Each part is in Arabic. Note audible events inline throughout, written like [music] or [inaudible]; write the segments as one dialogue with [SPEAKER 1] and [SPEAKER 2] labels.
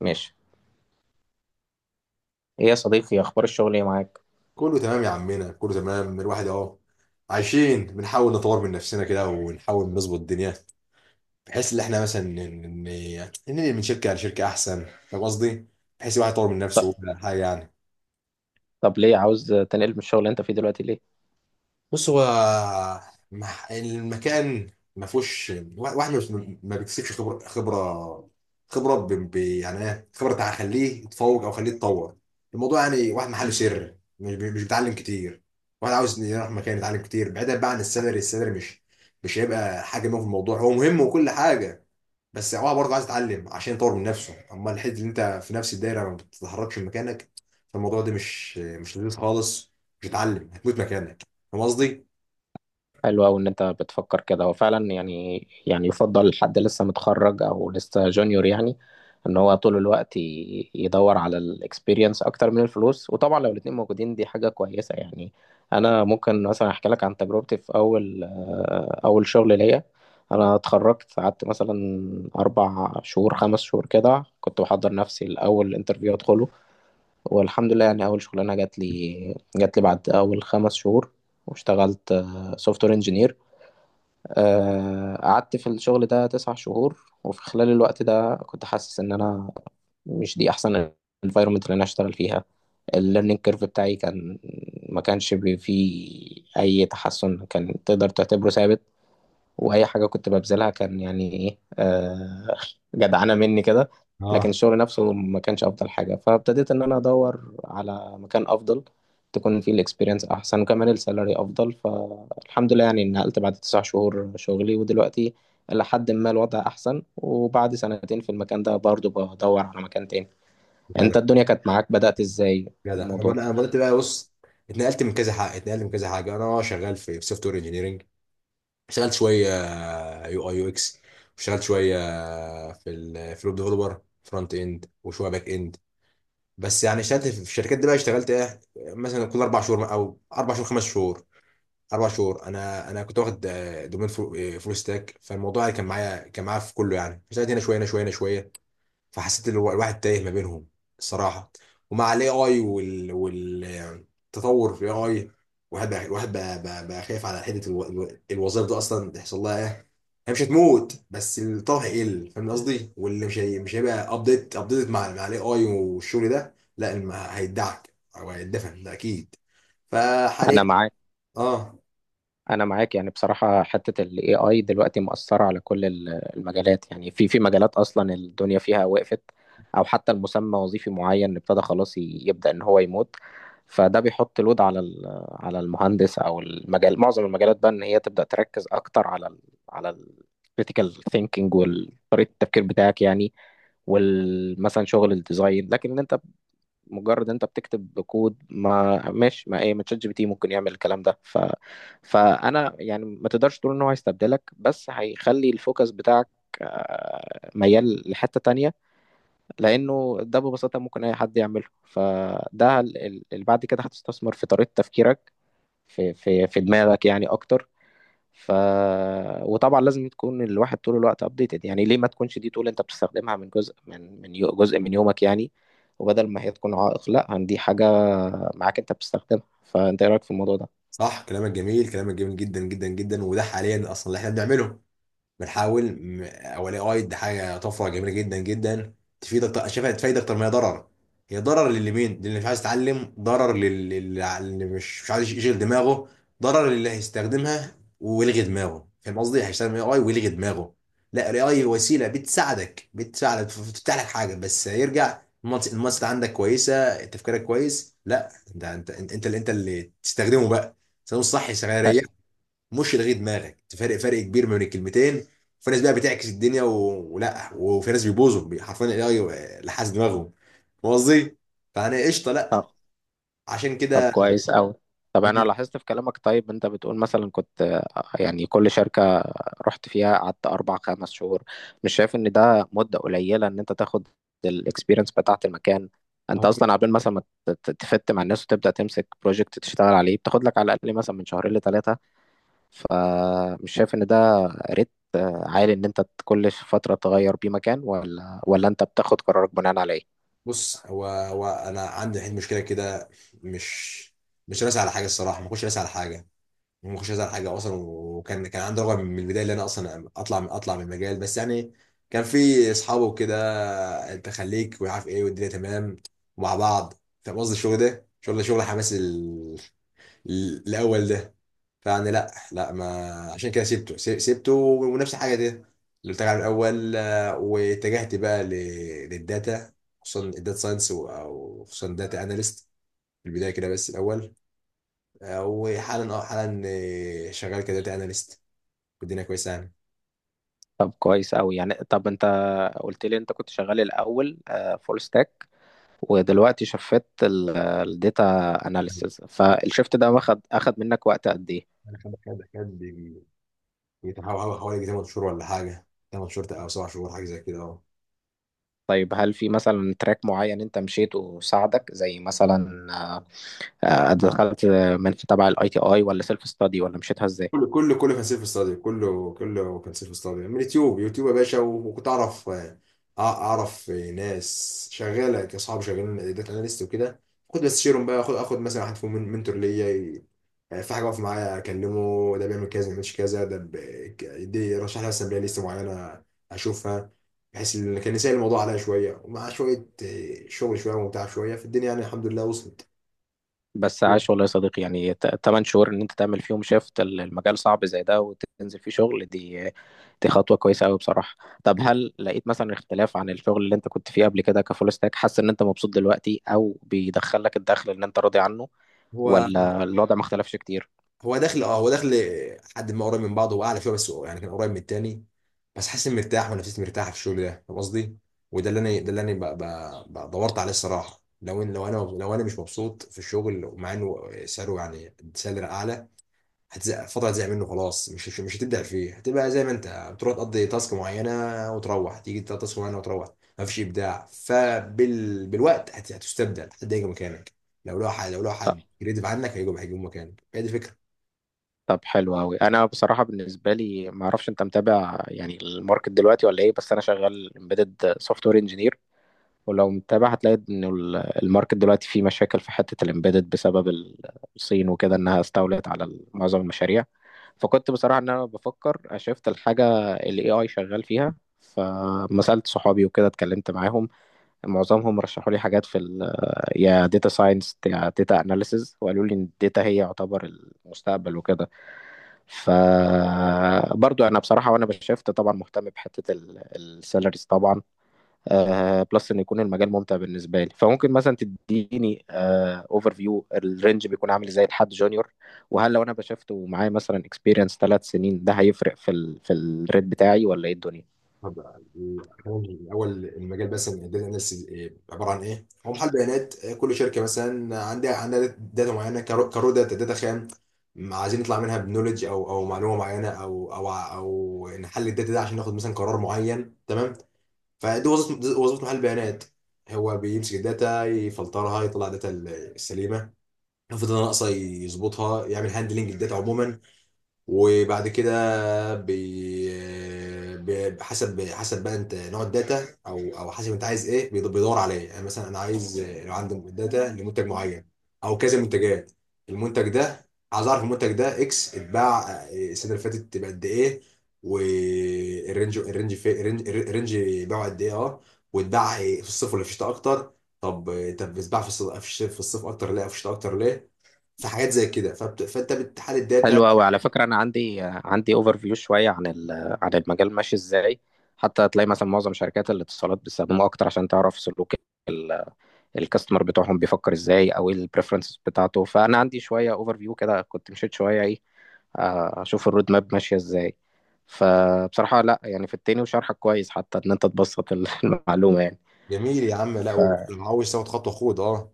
[SPEAKER 1] ماشي. ايه يا صديقي، إيه اخبار الشغل، ايه معاك؟
[SPEAKER 2] كله تمام يا عمنا، كله تمام. الواحد اهو عايشين، بنحاول نطور من نفسنا كده ونحاول نظبط الدنيا بحيث ان احنا مثلا ننقل من شركه لشركه احسن، فاهم قصدي؟ بحيث الواحد يطور من نفسه
[SPEAKER 1] ط-
[SPEAKER 2] وكل حاجه يعني.
[SPEAKER 1] طب ليه عاوز تنقل من الشغل اللي انت فيه دلوقتي ليه؟
[SPEAKER 2] بص، هو المكان ما فيهوش واحد ما بيكسبش خبره. يعني ايه خبره هخليه يتفوق او خليه يتطور الموضوع؟ يعني واحد محله سر، مش بيتعلم كتير. واحد عاوز يروح مكان يتعلم كتير، بعيدا بقى عن السالري. السالري مش هيبقى حاجه مهمه في الموضوع، هو مهم وكل حاجه، بس هو برضه عايز يتعلم عشان يطور من نفسه. اما الحته اللي انت في نفس الدايره ما بتتحركش من مكانك، فالموضوع ده مش لذيذ خالص، مش هتتعلم، هتموت مكانك، فاهم قصدي؟
[SPEAKER 1] حلو قوي ان انت بتفكر كده. هو فعلا يعني يفضل حد لسه متخرج او لسه جونيور يعني ان هو طول الوقت يدور على الاكسبيرينس اكتر من الفلوس. وطبعا لو الاتنين موجودين دي حاجة كويسة يعني. انا ممكن مثلا احكي لك عن تجربتي في اول شغل ليا. انا اتخرجت، قعدت مثلا 4 شهور 5 شهور كده كنت بحضر نفسي لاول انترفيو ادخله. والحمد لله يعني اول شغلانه جات لي بعد اول 5 شهور، واشتغلت سوفت وير انجينير. قعدت في الشغل ده 9 شهور، وفي خلال الوقت ده كنت حاسس ان انا مش دي احسن environment اللي انا اشتغل فيها. الليرنينج كيرف بتاعي كان ما كانش فيه اي تحسن، كان تقدر تعتبره ثابت. واي حاجه كنت ببذلها كان يعني ايه جدعانه مني كده. لكن
[SPEAKER 2] اه.
[SPEAKER 1] الشغل نفسه ما كانش افضل حاجه، فابتديت ان انا ادور على مكان افضل تكون فيه الاكسبيرينس احسن وكمان السالري افضل. فالحمد لله يعني نقلت بعد 9 شهور شغلي، ودلوقتي لحد ما الوضع احسن. وبعد سنتين في المكان ده برضو بدور على مكان تاني.
[SPEAKER 2] جدع،
[SPEAKER 1] انت الدنيا كانت معاك، بدأت ازاي في
[SPEAKER 2] جدع.
[SPEAKER 1] الموضوع؟
[SPEAKER 2] انا بدات بقى. بص، اتنقلت من كذا حاجه، اتنقلت من كذا حاجه. انا شغال في سوفت وير انجينيرنج، اشتغلت شويه يو اي يو اكس، واشتغلت شويه في الويب ديفلوبر فرونت اند وشويه باك اند، بس يعني اشتغلت في الشركات دي بقى. اشتغلت ايه مثلا؟ كل اربع شهور او اربع شهور خمس شهور اربع شهور. انا كنت واخد دومين فول ستاك، فالموضوع يعني كان معايا في كله. يعني اشتغلت هنا شويه، هنا شويه، هنا شويه. فحسيت ان الواحد تايه ما بينهم الصراحه. ومع الاي اي والتطور في الاي اي، الواحد بقى خايف على حته الوظائف دي اصلا تحصل لها ايه. هي مش هتموت بس الطلب هيقل، فاهم قصدي، واللي مش هي... مش هيبقى ابديت مع الاي اي. والشغل ده لا هيدعك او هيدفن ده اكيد. فحاليا.
[SPEAKER 1] انا معاك
[SPEAKER 2] اه.
[SPEAKER 1] انا معاك يعني بصراحه حته الاي اي دلوقتي مأثره على كل المجالات. يعني في مجالات اصلا الدنيا فيها وقفت، او حتى المسمى وظيفي معين ابتدى خلاص يبدأ ان هو يموت. فده بيحط لود على المهندس او المجال. معظم المجالات بقى ان هي تبدأ تركز اكتر على ال critical thinking وطريقه التفكير بتاعك يعني. ومثلا شغل الديزاين. لكن انت مجرد انت بتكتب كود، ما ماشي ما ايه ما تشات جي بي تي ممكن يعمل الكلام ده. فانا يعني ما تقدرش تقول ان هو هيستبدلك، بس هيخلي الفوكس بتاعك ميال لحتة تانية. لأنه ده ببساطة ممكن أي حد يعمله. فده اللي بعد كده هتستثمر في طريقة تفكيرك، في دماغك يعني أكتر. ف وطبعا لازم تكون الواحد طول الوقت أبديتد يعني. ليه ما تكونش دي طول أنت بتستخدمها من جزء جزء من يومك يعني. وبدل ما هي تكون عائق، لا دي حاجة معاك انت بتستخدمها. فانت ايه رايك في الموضوع ده؟
[SPEAKER 2] صح، كلامك جميل، كلامك جميل جدا جدا جدا. وده حاليا اصلا اللي احنا بنعمله، او الاي اي ده حاجه طفره جميله جدا جدا، تفيدك. شايفها تفيد اكتر ما هي ضرر. هي ضرر للمين؟ للي مش عايز يتعلم، ضرر للي مش عايز يشغل دماغه، ضرر للي هيستخدمها ويلغي دماغه، فاهم قصدي، هيستخدم الاي اي ويلغي دماغه. لا، الاي اي وسيله بتساعدك بتفتح لك حاجه، بس هيرجع المنطق. عندك كويسه، تفكيرك كويس، لا ده انت، انت اللي تستخدمه بقى، تستخدمه الصح، يا
[SPEAKER 1] اه.
[SPEAKER 2] مش لغي دماغك، تفرق، فرق كبير ما بين الكلمتين. في ناس بقى بتعكس الدنيا ولا، وفي ناس بيبوظوا، حرفيا الاي لحس دماغهم، فاهم قصدي، فانا قشطه لا،
[SPEAKER 1] آه.
[SPEAKER 2] عشان
[SPEAKER 1] طب
[SPEAKER 2] كده.
[SPEAKER 1] كويس قوي. طب انا
[SPEAKER 2] مم.
[SPEAKER 1] لاحظت في كلامك. طيب انت بتقول مثلا كنت يعني كل شركة رحت فيها قعدت اربع خمس شهور، مش شايف ان ده مدة قليلة ان انت تاخد الاكسبيرينس بتاعة المكان؟ انت
[SPEAKER 2] هو-
[SPEAKER 1] اصلا قبل مثلا ما تفت مع الناس وتبدأ تمسك بروجكت تشتغل عليه، بتاخد لك على الاقل مثلا من شهرين لثلاثة. فمش شايف ان ده ريت عالي ان انت كل فترة تغير بيه مكان، ولا انت بتاخد قرارك بناء على ايه؟
[SPEAKER 2] بص، هو انا عندي الحين مشكله كده، مش راسي على حاجه الصراحه، ما كنتش راسي على حاجه، وما كنتش عايز على حاجه اصلا، وكان عندي رغبه من البدايه اللي انا اصلا اطلع من، اطلع من المجال، بس يعني كان في اصحابه وكده. انت خليك وعارف ايه والدنيا تمام ومع بعض، فاهم قصدي. الشغل ده شغل حماس، الاول ده. فيعني لا لا ما، عشان كده سيبته، سيبته، ونفس الحاجه دي اللي قلت لك عليها من الاول. واتجهت بقى للداتا، خصوصا الداتا ساينس، وخصوصا داتا اناليست في البدايه كده بس الاول. وحالا، اه حالا شغال كداتا اناليست، والدنيا كويسه يعني.
[SPEAKER 1] طب كويس أوي يعني. طب أنت قلت لي أنت كنت شغال الأول فول ستاك، ودلوقتي شفت الداتا أناليسيس. فالشفت ده أخد منك وقت قد إيه؟
[SPEAKER 2] انا خد بيتحول حوالي 8 شهور ولا حاجه، 8 شهور او 7 شهور، حاجه زي كده، اه.
[SPEAKER 1] طيب هل في مثلا تراك معين أنت مشيته وساعدك؟ زي مثلا دخلت من تبع الأي تي أي ولا سيلف ستادي، ولا مشيتها إزاي؟
[SPEAKER 2] كله كله كله كان سيلف ستادي، كله كله كان سيلف ستادي، من يوتيوب يا باشا. وكنت اعرف، اعرف ناس شغاله كاصحاب، شغالين داتا اناليست وكده، كنت بستشيرهم بقى. اخد مثلا واحد فيهم منتور ليا، يعني في حاجه واقفه معايا اكلمه. ده بيعمل كذا، ما بيعملش كذا. يدي يرشح لي مثلا بلاي ليست معينه اشوفها، بحيث ان كان يسهل الموضوع عليا شويه، ومع شويه شغل شويه ومتعه شويه في الدنيا يعني، الحمد لله وصلت.
[SPEAKER 1] بس عاش والله يا صديقي. يعني 8 شهور ان انت تعمل فيهم شيفت المجال صعب زي ده وتنزل فيه شغل، دي خطوة كويسة قوي بصراحة. طب هل لقيت مثلا اختلاف عن الشغل اللي انت كنت فيه قبل كده كفول ستاك؟ حاسس ان انت مبسوط دلوقتي، او بيدخلك الدخل اللي انت راضي عنه،
[SPEAKER 2] هو
[SPEAKER 1] ولا الوضع ما اختلفش كتير؟
[SPEAKER 2] هو داخل، اه هو داخل حد ما قريب من بعضه، هو اعلى شويه، بس هو يعني كان قريب من التاني، بس حاسس اني مرتاح ونفسيتي مرتاحه في الشغل ده، فاهم قصدي؟ وده اللي انا ده اللي انا دورت عليه الصراحه. لو لو انا، مش مبسوط في الشغل، ومع انه سعره يعني سالري اعلى، هتزهق فترة، هتزهق منه خلاص، مش هتبدع فيه، هتبقى زي ما انت بتروح تقضي تاسك معينة، وتروح تيجي تقضي تاسك معينة وتروح، مفيش إبداع. فبال بالوقت هتستبدل، حد هيجي مكانك. لو لو حد كريتيف عنك هيجوا مكانك، هي دي فكرة.
[SPEAKER 1] طب حلو قوي. انا بصراحة بالنسبة لي ما اعرفش انت متابع يعني الماركت دلوقتي ولا ايه، بس انا شغال امبيدد سوفت وير انجينير. ولو متابع هتلاقي ان الماركت دلوقتي فيه مشاكل في حتة الامبيدد بسبب الصين وكده، انها استولت على معظم المشاريع. فكنت بصراحة ان انا بفكر اشفت الحاجة اللي اي اي شغال فيها. فما سألت صحابي وكده اتكلمت معاهم، معظمهم رشحوا لي حاجات في ال يا داتا ساينس يا داتا اناليسز، وقالوا لي ان الداتا هي يعتبر المستقبل وكده. ف برضو انا بصراحة وانا بشفت طبعا مهتم بحتة السالاريز طبعا، بلس ان يكون المجال ممتع بالنسبه لي. فممكن مثلا تديني اوفر فيو الرينج بيكون عامل ازاي لحد جونيور؟ وهل لو انا بشفته ومعاه مثلا اكسبيرينس 3 سنين ده هيفرق في الريت بتاعي ولا ايه الدنيا؟
[SPEAKER 2] طب، الأول المجال بس، الداتا اناليسيس عبارة عن إيه؟ هو محل بيانات. كل شركة مثلا عندها داتا معينة، كرو داتا، داتا خام، عايزين نطلع منها بنولج، أو معلومة معينة، أو أو أو نحلل الداتا ده عشان ناخد مثلا قرار معين، تمام؟ فدي وظيفة، دي وظيفة محل بيانات، هو بيمسك الداتا، يفلترها، يطلع الداتا السليمة، لو في داتا ناقصة يظبطها، يعمل هاندلنج للداتا عموما. وبعد كده حسب بقى انت نوع الداتا، او او حسب انت عايز ايه، بيدور على ايه. يعني مثلا انا عايز لو عندي داتا لمنتج معين، او كذا منتجات، المنتج ده عايز اعرف المنتج ده اكس اتباع السنه اللي فاتت بقد ايه، والرينج الرينج في الرينج الرينج بيعه قد ايه، اه. واتباع في الصيف ولا في الشتاء اكتر؟ طب طب اتباع في في الصيف اكتر ليه، او في الشتاء اكتر ليه، في حاجات زي كده. فانت بتحلل الداتا.
[SPEAKER 1] حلو قوي على فكره، انا عندي اوفر فيو شويه عن المجال ماشي ازاي. حتى هتلاقي مثلا معظم شركات الاتصالات بيستخدموها اكتر عشان تعرف سلوك ال- الكاستمر بتوعهم بيفكر ازاي، او ايه البريفرنسز بتاعته. فانا عندي شويه اوفر فيو كده كنت مشيت شويه ايه، اشوف الرود ماب ماشيه ازاي. فبصراحه لا يعني في التاني، وشرحك كويس حتى ان انت تبسط [laughs] المعلومه يعني.
[SPEAKER 2] جميل يا عم، لا
[SPEAKER 1] ف
[SPEAKER 2] وعاوز تاخد خطوه، خد اه.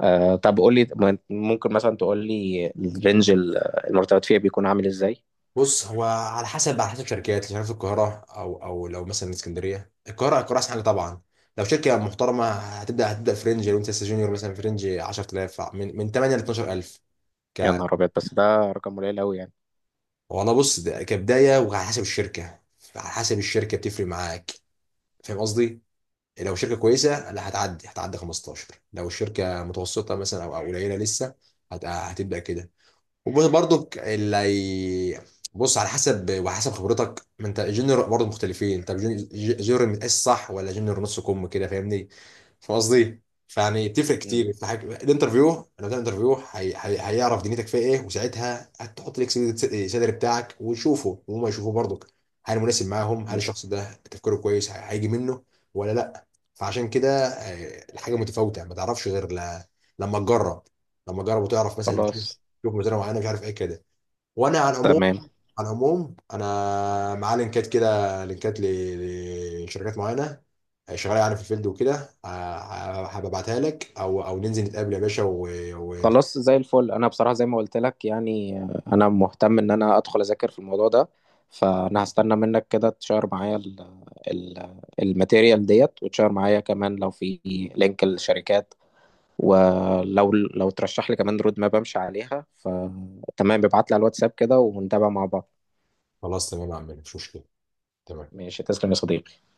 [SPEAKER 1] طب قول لي ممكن مثلا تقول لي الرينج المرتبات فيها بيكون عامل ازاي؟
[SPEAKER 2] بص، هو على حسب، شركات مش عارف القاهره او او لو مثلا اسكندريه، القاهره، احسن حاجه طبعا. لو شركه محترمه، هتبدا فرنج، لو انت لسه جونيور مثلا، فرنج 10,000، من 8 ل 12,000، ك.
[SPEAKER 1] يا نهار ابيض! بس ده رقم قليل قوي يعني.
[SPEAKER 2] والله بص، ده كبدايه، وعلى حسب الشركه، بتفرق معاك، فاهم قصدي. لو شركه كويسه لا، هتعدي 15. لو الشركه متوسطه مثلا، او أو قليله لسه، هتبدا كده. وبرضه اللي هي، بص على حسب، وحسب خبرتك، ما انت جونيور برضه مختلفين، انت جونيور متقاس صح، ولا جونيور نص كم كده، فاهمني، فاهم قصدي. فيعني بتفرق
[SPEAKER 1] مم.
[SPEAKER 2] كتير في حاجة الانترفيو، لو ده انترفيو هيعرف دنيتك فيها ايه، وساعتها هتحط لك السالري بتاعك ويشوفه، وهم يشوفوه برضك، هل مناسب معاهم، هل الشخص ده تفكيره كويس، هيجي منه ولا لا. فعشان كده الحاجه متفاوته، ما تعرفش غير لما تجرب، لما تجرب وتعرف مثلا،
[SPEAKER 1] خلاص.
[SPEAKER 2] شوف مديرة معينة مش عارف ايه كده. وانا على العموم،
[SPEAKER 1] تمام.
[SPEAKER 2] انا معاه لينكات كده، لينكات لشركات معينة شغالة يعني في الفيلد وكده. ه- هبقى ابعتها لك، او او ننزل نتقابل يا باشا، و، و.
[SPEAKER 1] خلاص زي الفل، انا بصراحه زي ما قلت لك يعني انا مهتم ان انا ادخل اذاكر في الموضوع ده. فانا هستنى منك كده تشير معايا ال ال الماتيريال ديت، وتشير معايا كمان لو في لينك الشركات. ولو ترشح لي كمان رود ماب امشي عليها، فتمام ابعت لي على الواتساب كده ونتابع مع بعض.
[SPEAKER 2] خلاص تمام يا عم، مفيش مشكلة، تمام.
[SPEAKER 1] ماشي، تسلم يا صديقي.